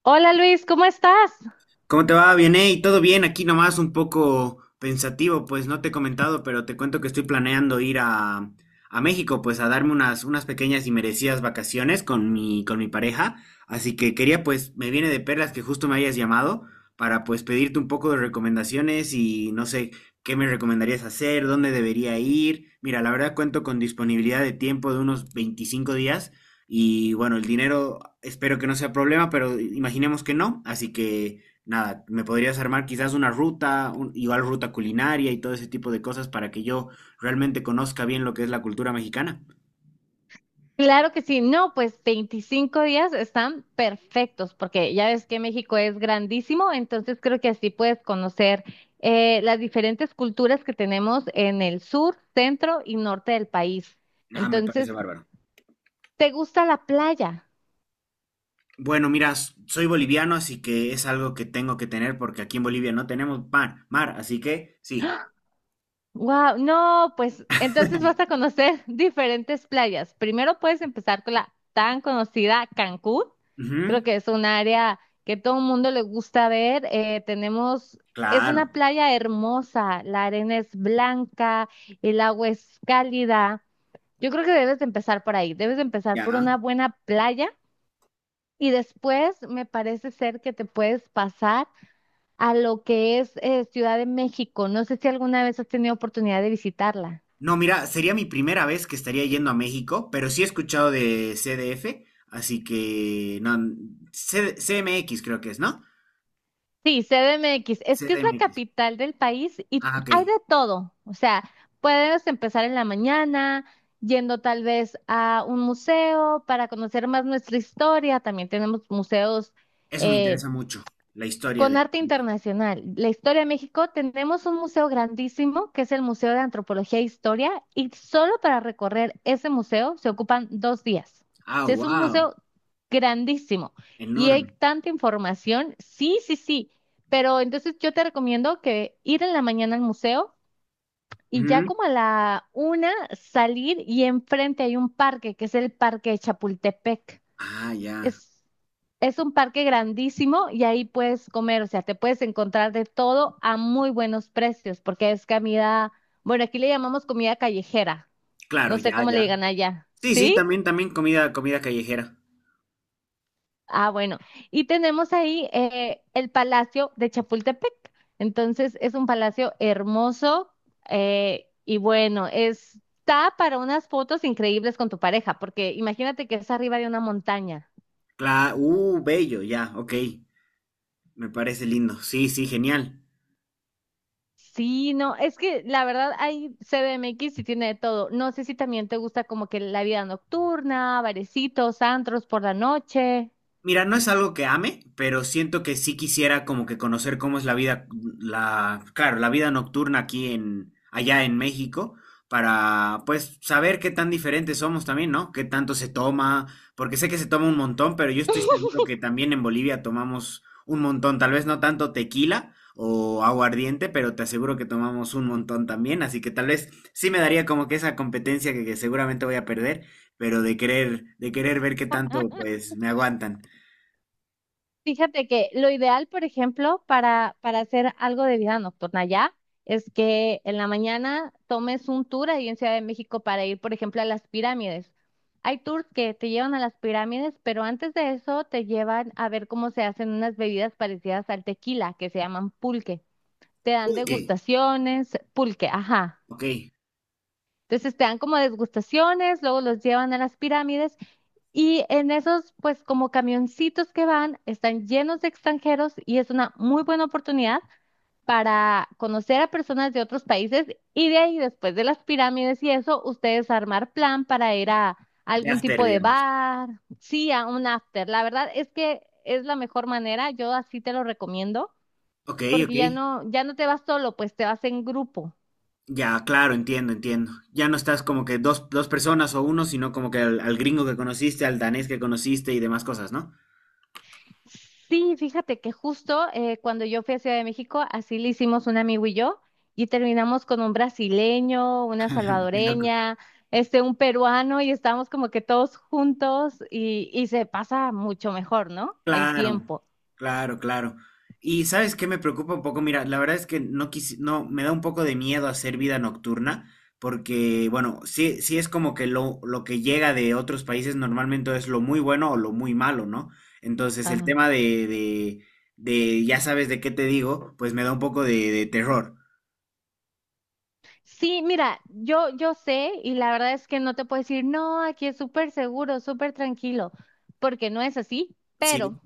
Hola Luis, ¿cómo estás? ¿Cómo te va? Bien, hey, todo bien, aquí nomás un poco pensativo, pues no te he comentado, pero te cuento que estoy planeando ir a México, pues a darme unas pequeñas y merecidas vacaciones con mi pareja, así que quería, pues, me viene de perlas que justo me hayas llamado para, pues, pedirte un poco de recomendaciones y no sé, qué me recomendarías hacer, dónde debería ir. Mira, la verdad cuento con disponibilidad de tiempo de unos 25 días y bueno, el dinero espero que no sea problema, pero imaginemos que no, así que nada, me podrías armar quizás una ruta, igual ruta culinaria y todo ese tipo de cosas para que yo realmente conozca bien lo que es la cultura mexicana. Claro que sí, no, pues 25 días están perfectos porque ya ves que México es grandísimo, entonces creo que así puedes conocer las diferentes culturas que tenemos en el sur, centro y norte del país. Ah, me parece Entonces, bárbaro. ¿te gusta la playa? Bueno, mira, soy boliviano, así que es algo que tengo que tener porque aquí en Bolivia no tenemos pan, mar, así que sí. Wow, no, pues entonces vas a conocer diferentes playas. Primero puedes empezar con la tan conocida Cancún. Creo Ujú, que es un área que todo el mundo le gusta ver. Tenemos, es una claro, playa hermosa, la arena es blanca, el agua es cálida. Yo creo que debes de empezar por ahí. Debes de empezar por ya. una buena playa y después me parece ser que te puedes pasar a lo que es Ciudad de México. No sé si alguna vez has tenido oportunidad de visitarla. No, mira, sería mi primera vez que estaría yendo a México, pero sí he escuchado de CDF, así que no, CMX creo que es, ¿no? Sí, CDMX, es que es la CDMX. capital del país y Ah, hay ok. de todo. O sea, puedes empezar en la mañana yendo tal vez a un museo para conocer más nuestra historia. También tenemos museos Eso me eh, interesa mucho, la historia con de... arte internacional, la historia de México, tenemos un museo grandísimo que es el Museo de Antropología e Historia y solo para recorrer ese museo se ocupan dos días. Ah, Sí, es un wow, museo grandísimo y hay enorme. tanta información. Sí, sí, sí, pero entonces yo te recomiendo que ir en la mañana al museo y ya Ujú. como a la una salir y enfrente hay un parque que es el Parque de Chapultepec. Ah, ya. Es, es un parque grandísimo y ahí puedes comer, o sea, te puedes encontrar de todo a muy buenos precios, porque es comida, bueno, aquí le llamamos comida callejera, Claro, no sé ya, cómo le ya. digan allá, Sí, sí, ¿sí? también, también comida callejera. Ah, bueno, y tenemos ahí el Palacio de Chapultepec, entonces es un palacio hermoso y bueno, está para unas fotos increíbles con tu pareja, porque imagínate que es arriba de una montaña. Claro, bello, ya, ok. Me parece lindo. Sí, sí, genial. Sí, no, es que la verdad hay CDMX y tiene de todo. No sé si también te gusta como que la vida nocturna, barecitos, antros por la noche. Mira, no es algo que ame, pero siento que sí quisiera como que conocer cómo es la vida, la, claro, la vida nocturna aquí allá en México, para pues saber qué tan diferentes somos también, ¿no? Qué tanto se toma, porque sé que se toma un montón, pero yo estoy seguro que también en Bolivia tomamos un montón, tal vez no tanto tequila o aguardiente, pero te aseguro que tomamos un montón también, así que tal vez sí me daría como que esa competencia que seguramente voy a perder, pero de querer ver qué tanto pues me aguantan. Fíjate que lo ideal, por ejemplo, para hacer algo de vida nocturna ya, es que en la mañana tomes un tour ahí en Ciudad de México para ir, por ejemplo, a las pirámides. Hay tours que te llevan a las pirámides, pero antes de eso te llevan a ver cómo se hacen unas bebidas parecidas al tequila, que se llaman pulques. Te dan Ok, degustaciones, pulque, ajá. ok, Entonces te dan como degustaciones, luego los llevan a las pirámides y en esos, pues como camioncitos que van, están llenos de extranjeros y es una muy buena oportunidad para conocer a personas de otros países y de ahí, después de las pirámides y eso, ustedes armar plan para ir a de algún after, tipo de digamos. bar, sí, a un after. La verdad es que es la mejor manera, yo así te lo recomiendo, Ok, porque ok, ya no, ya no te vas solo, pues te vas en grupo. ya, claro, entiendo, entiendo. Ya no estás como que dos personas o uno, sino como que al gringo que conociste, al danés que conociste y demás cosas, ¿no? Sí, fíjate que justo cuando yo fui a Ciudad de México, así le hicimos un amigo y yo, y terminamos con un brasileño, una Qué loco. salvadoreña, este, un peruano, y estábamos como que todos juntos y se pasa mucho mejor, ¿no? El Claro, tiempo. claro, claro. Y sabes qué me preocupa un poco, mira, la verdad es que no quisi- no, me da un poco de miedo hacer vida nocturna, porque bueno, sí, sí es como que lo que llega de otros países normalmente es lo muy bueno o lo muy malo, ¿no? Entonces el tema Ah. de, de, de ya sabes de qué te digo, pues me da un poco de terror. Sí, mira, yo sé y la verdad es que no te puedo decir, no, aquí es súper seguro, súper tranquilo, porque no es así, Sí. pero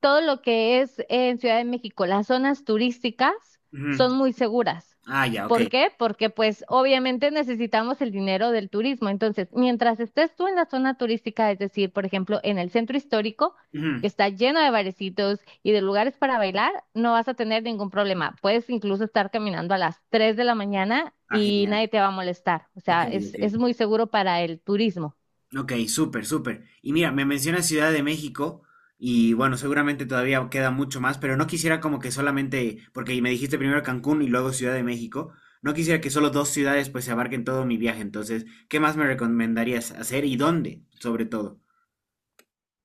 todo lo que es en Ciudad de México, las zonas turísticas Ujú. son muy seguras. Ah, ya, ok. ¿Por qué? Porque pues obviamente necesitamos el dinero del turismo. Entonces, mientras estés tú en la zona turística, es decir, por ejemplo, en el centro histórico, que Ujú. está lleno de barecitos y de lugares para bailar, no vas a tener ningún problema. Puedes incluso estar caminando a las 3 de la mañana Ah, y nadie genial. te va a molestar. O Ok, sea, ok. Es muy seguro para el turismo. Ok, súper, súper. Y mira, me mencionas Ciudad de México y bueno, seguramente todavía queda mucho más, pero no quisiera como que solamente, porque me dijiste primero Cancún y luego Ciudad de México, no quisiera que solo dos ciudades pues se abarquen todo mi viaje. Entonces, ¿qué más me recomendarías hacer y dónde, sobre todo?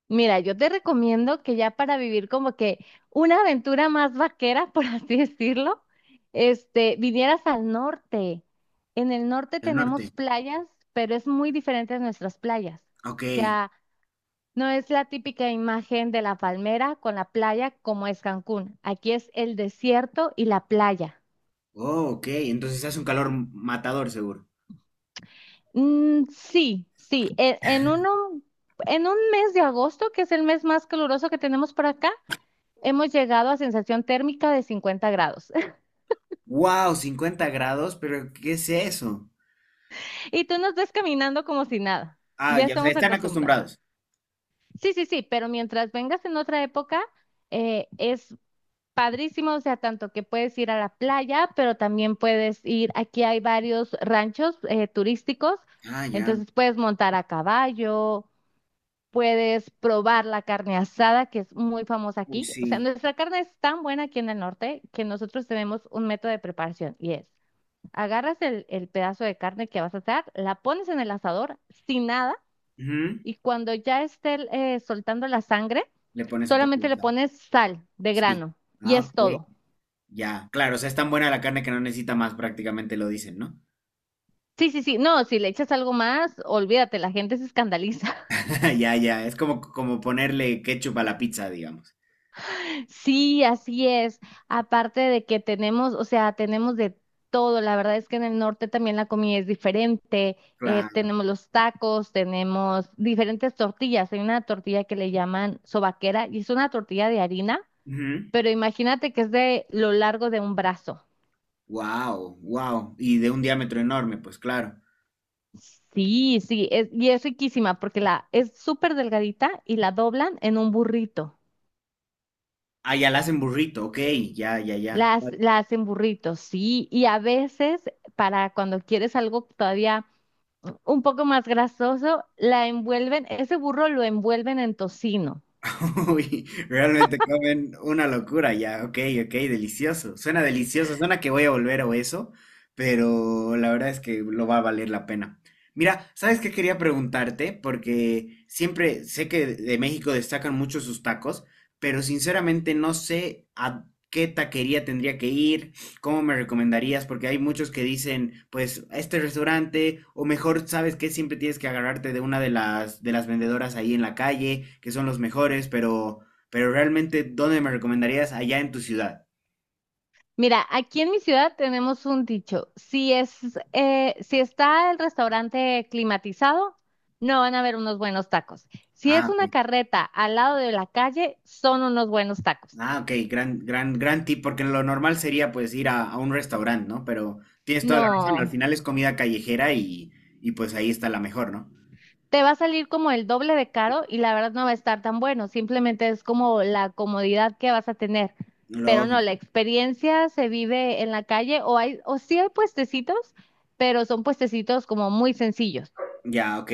Mira, yo te recomiendo que ya para vivir como que una aventura más vaquera, por así decirlo, este, vinieras al norte. En el norte El tenemos norte. playas, pero es muy diferente a nuestras playas. Ok. O sea, no es la típica imagen de la palmera con la playa como es Cancún. Aquí es el desierto y la playa. Oh, ok. Entonces hace un calor matador, seguro. Mm, sí, sí, en un mes de agosto, que es el mes más caluroso que tenemos por acá. Hemos llegado a sensación térmica de 50 grados Wow, 50 grados, pero ¿qué es eso? y tú nos ves caminando como si nada. Ah, Ya ya, o sea, estamos están acostumbrados. acostumbrados. Sí, sí, sí, pero mientras vengas en otra época, es padrísimo, o sea, tanto que puedes ir a la playa, pero también puedes ir, aquí hay varios ranchos turísticos, Ah, ya. entonces puedes montar a caballo, puedes probar la carne asada, que es muy famosa Uy, aquí. O sea, sí. nuestra carne es tan buena aquí en el norte que nosotros tenemos un método de preparación y es: agarras el pedazo de carne que vas a hacer, la pones en el asador sin nada Ujú. y cuando ya esté soltando la sangre, Le pones un poco solamente de le sal. pones sal de Sí. grano y Ah, es ok. todo. Ya, claro, o sea, es tan buena la carne que no necesita más, prácticamente lo dicen, ¿no? Sí, sí, sí, no, si le echas algo más, olvídate, la gente se escandaliza. Ya, ya, es como ponerle ketchup a la pizza, digamos. Sí, así es. Aparte de que tenemos, o sea, tenemos de todo. La verdad es que en el norte también la comida es diferente. Claro. Tenemos los tacos, tenemos diferentes tortillas. Hay una tortilla que le llaman sobaquera y es una tortilla de harina, pero imagínate que es de lo largo de un brazo. Wow, wow. Y de un diámetro enorme, pues claro. Sí, sí, y es riquísima porque la es súper delgadita y la doblan en un burrito. Ah, ya la hacen burrito, ok, ya, ya, ya. La hacen burritos, sí, y a veces para cuando quieres algo todavía un poco más grasoso, la envuelven, ese burro lo envuelven en tocino. Uy, realmente comen una locura ya, ok, ok, delicioso. Suena delicioso, suena que voy a volver o eso, pero la verdad es que lo va a valer la pena. Mira, ¿sabes qué quería preguntarte? Porque siempre sé que de México destacan mucho sus tacos, pero sinceramente no sé a qué taquería tendría que ir. ¿Cómo me recomendarías? Porque hay muchos que dicen, pues, a este restaurante, o mejor, ¿sabes? Que siempre tienes que agarrarte de una de las vendedoras ahí en la calle, que son los mejores, pero realmente, ¿dónde me recomendarías? Allá en tu ciudad. Mira, aquí en mi ciudad tenemos un dicho. Si está el restaurante climatizado, no van a haber unos buenos tacos. Si Ah, es una ok. carreta al lado de la calle, son unos buenos tacos. Ah, ok, gran, gran, gran tip, porque lo normal sería pues ir a un restaurante, ¿no? Pero tienes toda la razón, al No, final es comida callejera y pues ahí está la mejor, ¿no? te va a salir como el doble de caro y la verdad no va a estar tan bueno. Simplemente es como la comodidad que vas a tener. Pero Lo, no, la experiencia se vive en la calle o hay, o sí hay puestecitos, pero son puestecitos como muy sencillos. ya, ok.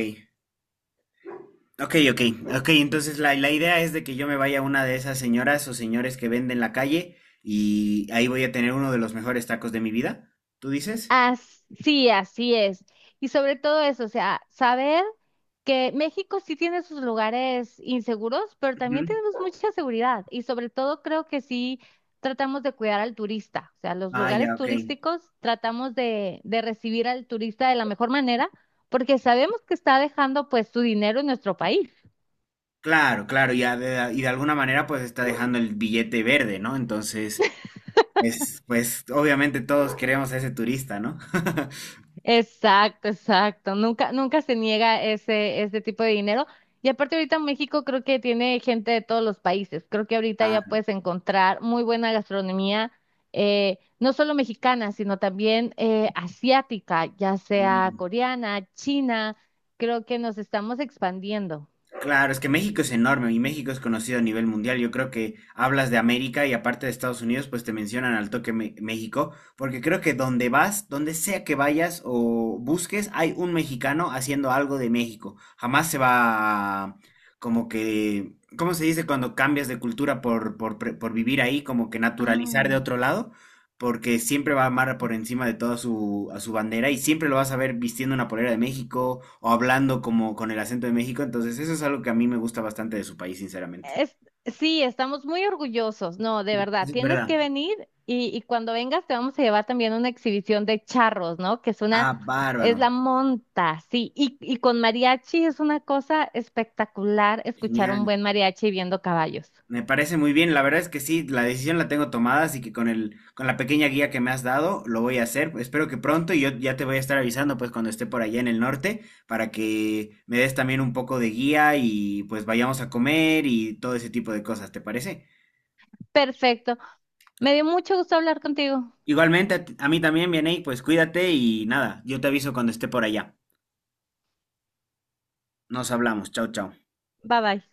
Ok, ok, ok. Entonces la idea es de que yo me vaya a una de esas señoras o señores que venden en la calle y ahí voy a tener uno de los mejores tacos de mi vida. ¿Tú dices? As- sí, así es. Y sobre todo eso, o sea, saber que México sí tiene sus lugares inseguros, pero Ujú. también tenemos mucha seguridad. Y sobre todo creo que sí tratamos de cuidar al turista. O sea, los Ah, lugares ya, ok. turísticos tratamos de recibir al turista de la mejor manera, porque sabemos que está dejando pues su dinero en nuestro país. Claro, claro. Y de alguna manera pues está dejando el billete verde, ¿no? Entonces, es, pues obviamente todos queremos a ese turista, ¿no? Exacto, exacto. Nunca, nunca se niega ese, ese tipo de dinero. Y aparte ahorita México creo que tiene gente de todos los países. Creo que ahorita Ah, ya puedes encontrar muy buena gastronomía, no solo mexicana, sino también asiática, ya no. sea coreana, china. Creo que nos estamos expandiendo. Claro, es que México es enorme y México es conocido a nivel mundial. Yo creo que hablas de América y aparte de Estados Unidos, pues te mencionan al toque México, porque creo que donde vas, donde sea que vayas o busques, hay un mexicano haciendo algo de México. Jamás se va a... como que, ¿cómo se dice cuando cambias de cultura por vivir ahí, como que naturalizar de otro lado? Porque siempre va a amar por encima de toda su, a su bandera y siempre lo vas a ver vistiendo una polera de México o hablando como con el acento de México. Entonces, eso es algo que a mí me gusta bastante de su país, sinceramente. Es- sí, estamos muy orgullosos. No, de verdad, Es tienes que verdad. venir y cuando vengas te vamos a llevar también una exhibición de charros, ¿no? Que es una, Ah, es bárbaro. la monta, sí. Y con mariachi es una cosa espectacular escuchar un Genial. buen mariachi viendo caballos. Me parece muy bien. La verdad es que sí, la decisión la tengo tomada, así que con el, con la pequeña guía que me has dado, lo voy a hacer. Espero que pronto y yo ya te voy a estar avisando, pues, cuando esté por allá en el norte, para que me des también un poco de guía y pues vayamos a comer y todo ese tipo de cosas, ¿te parece? Perfecto. Me dio mucho gusto hablar contigo. Igualmente, a, a mí también, Vianey, pues cuídate y nada, yo te aviso cuando esté por allá. Nos hablamos, chao, chao. Bye bye.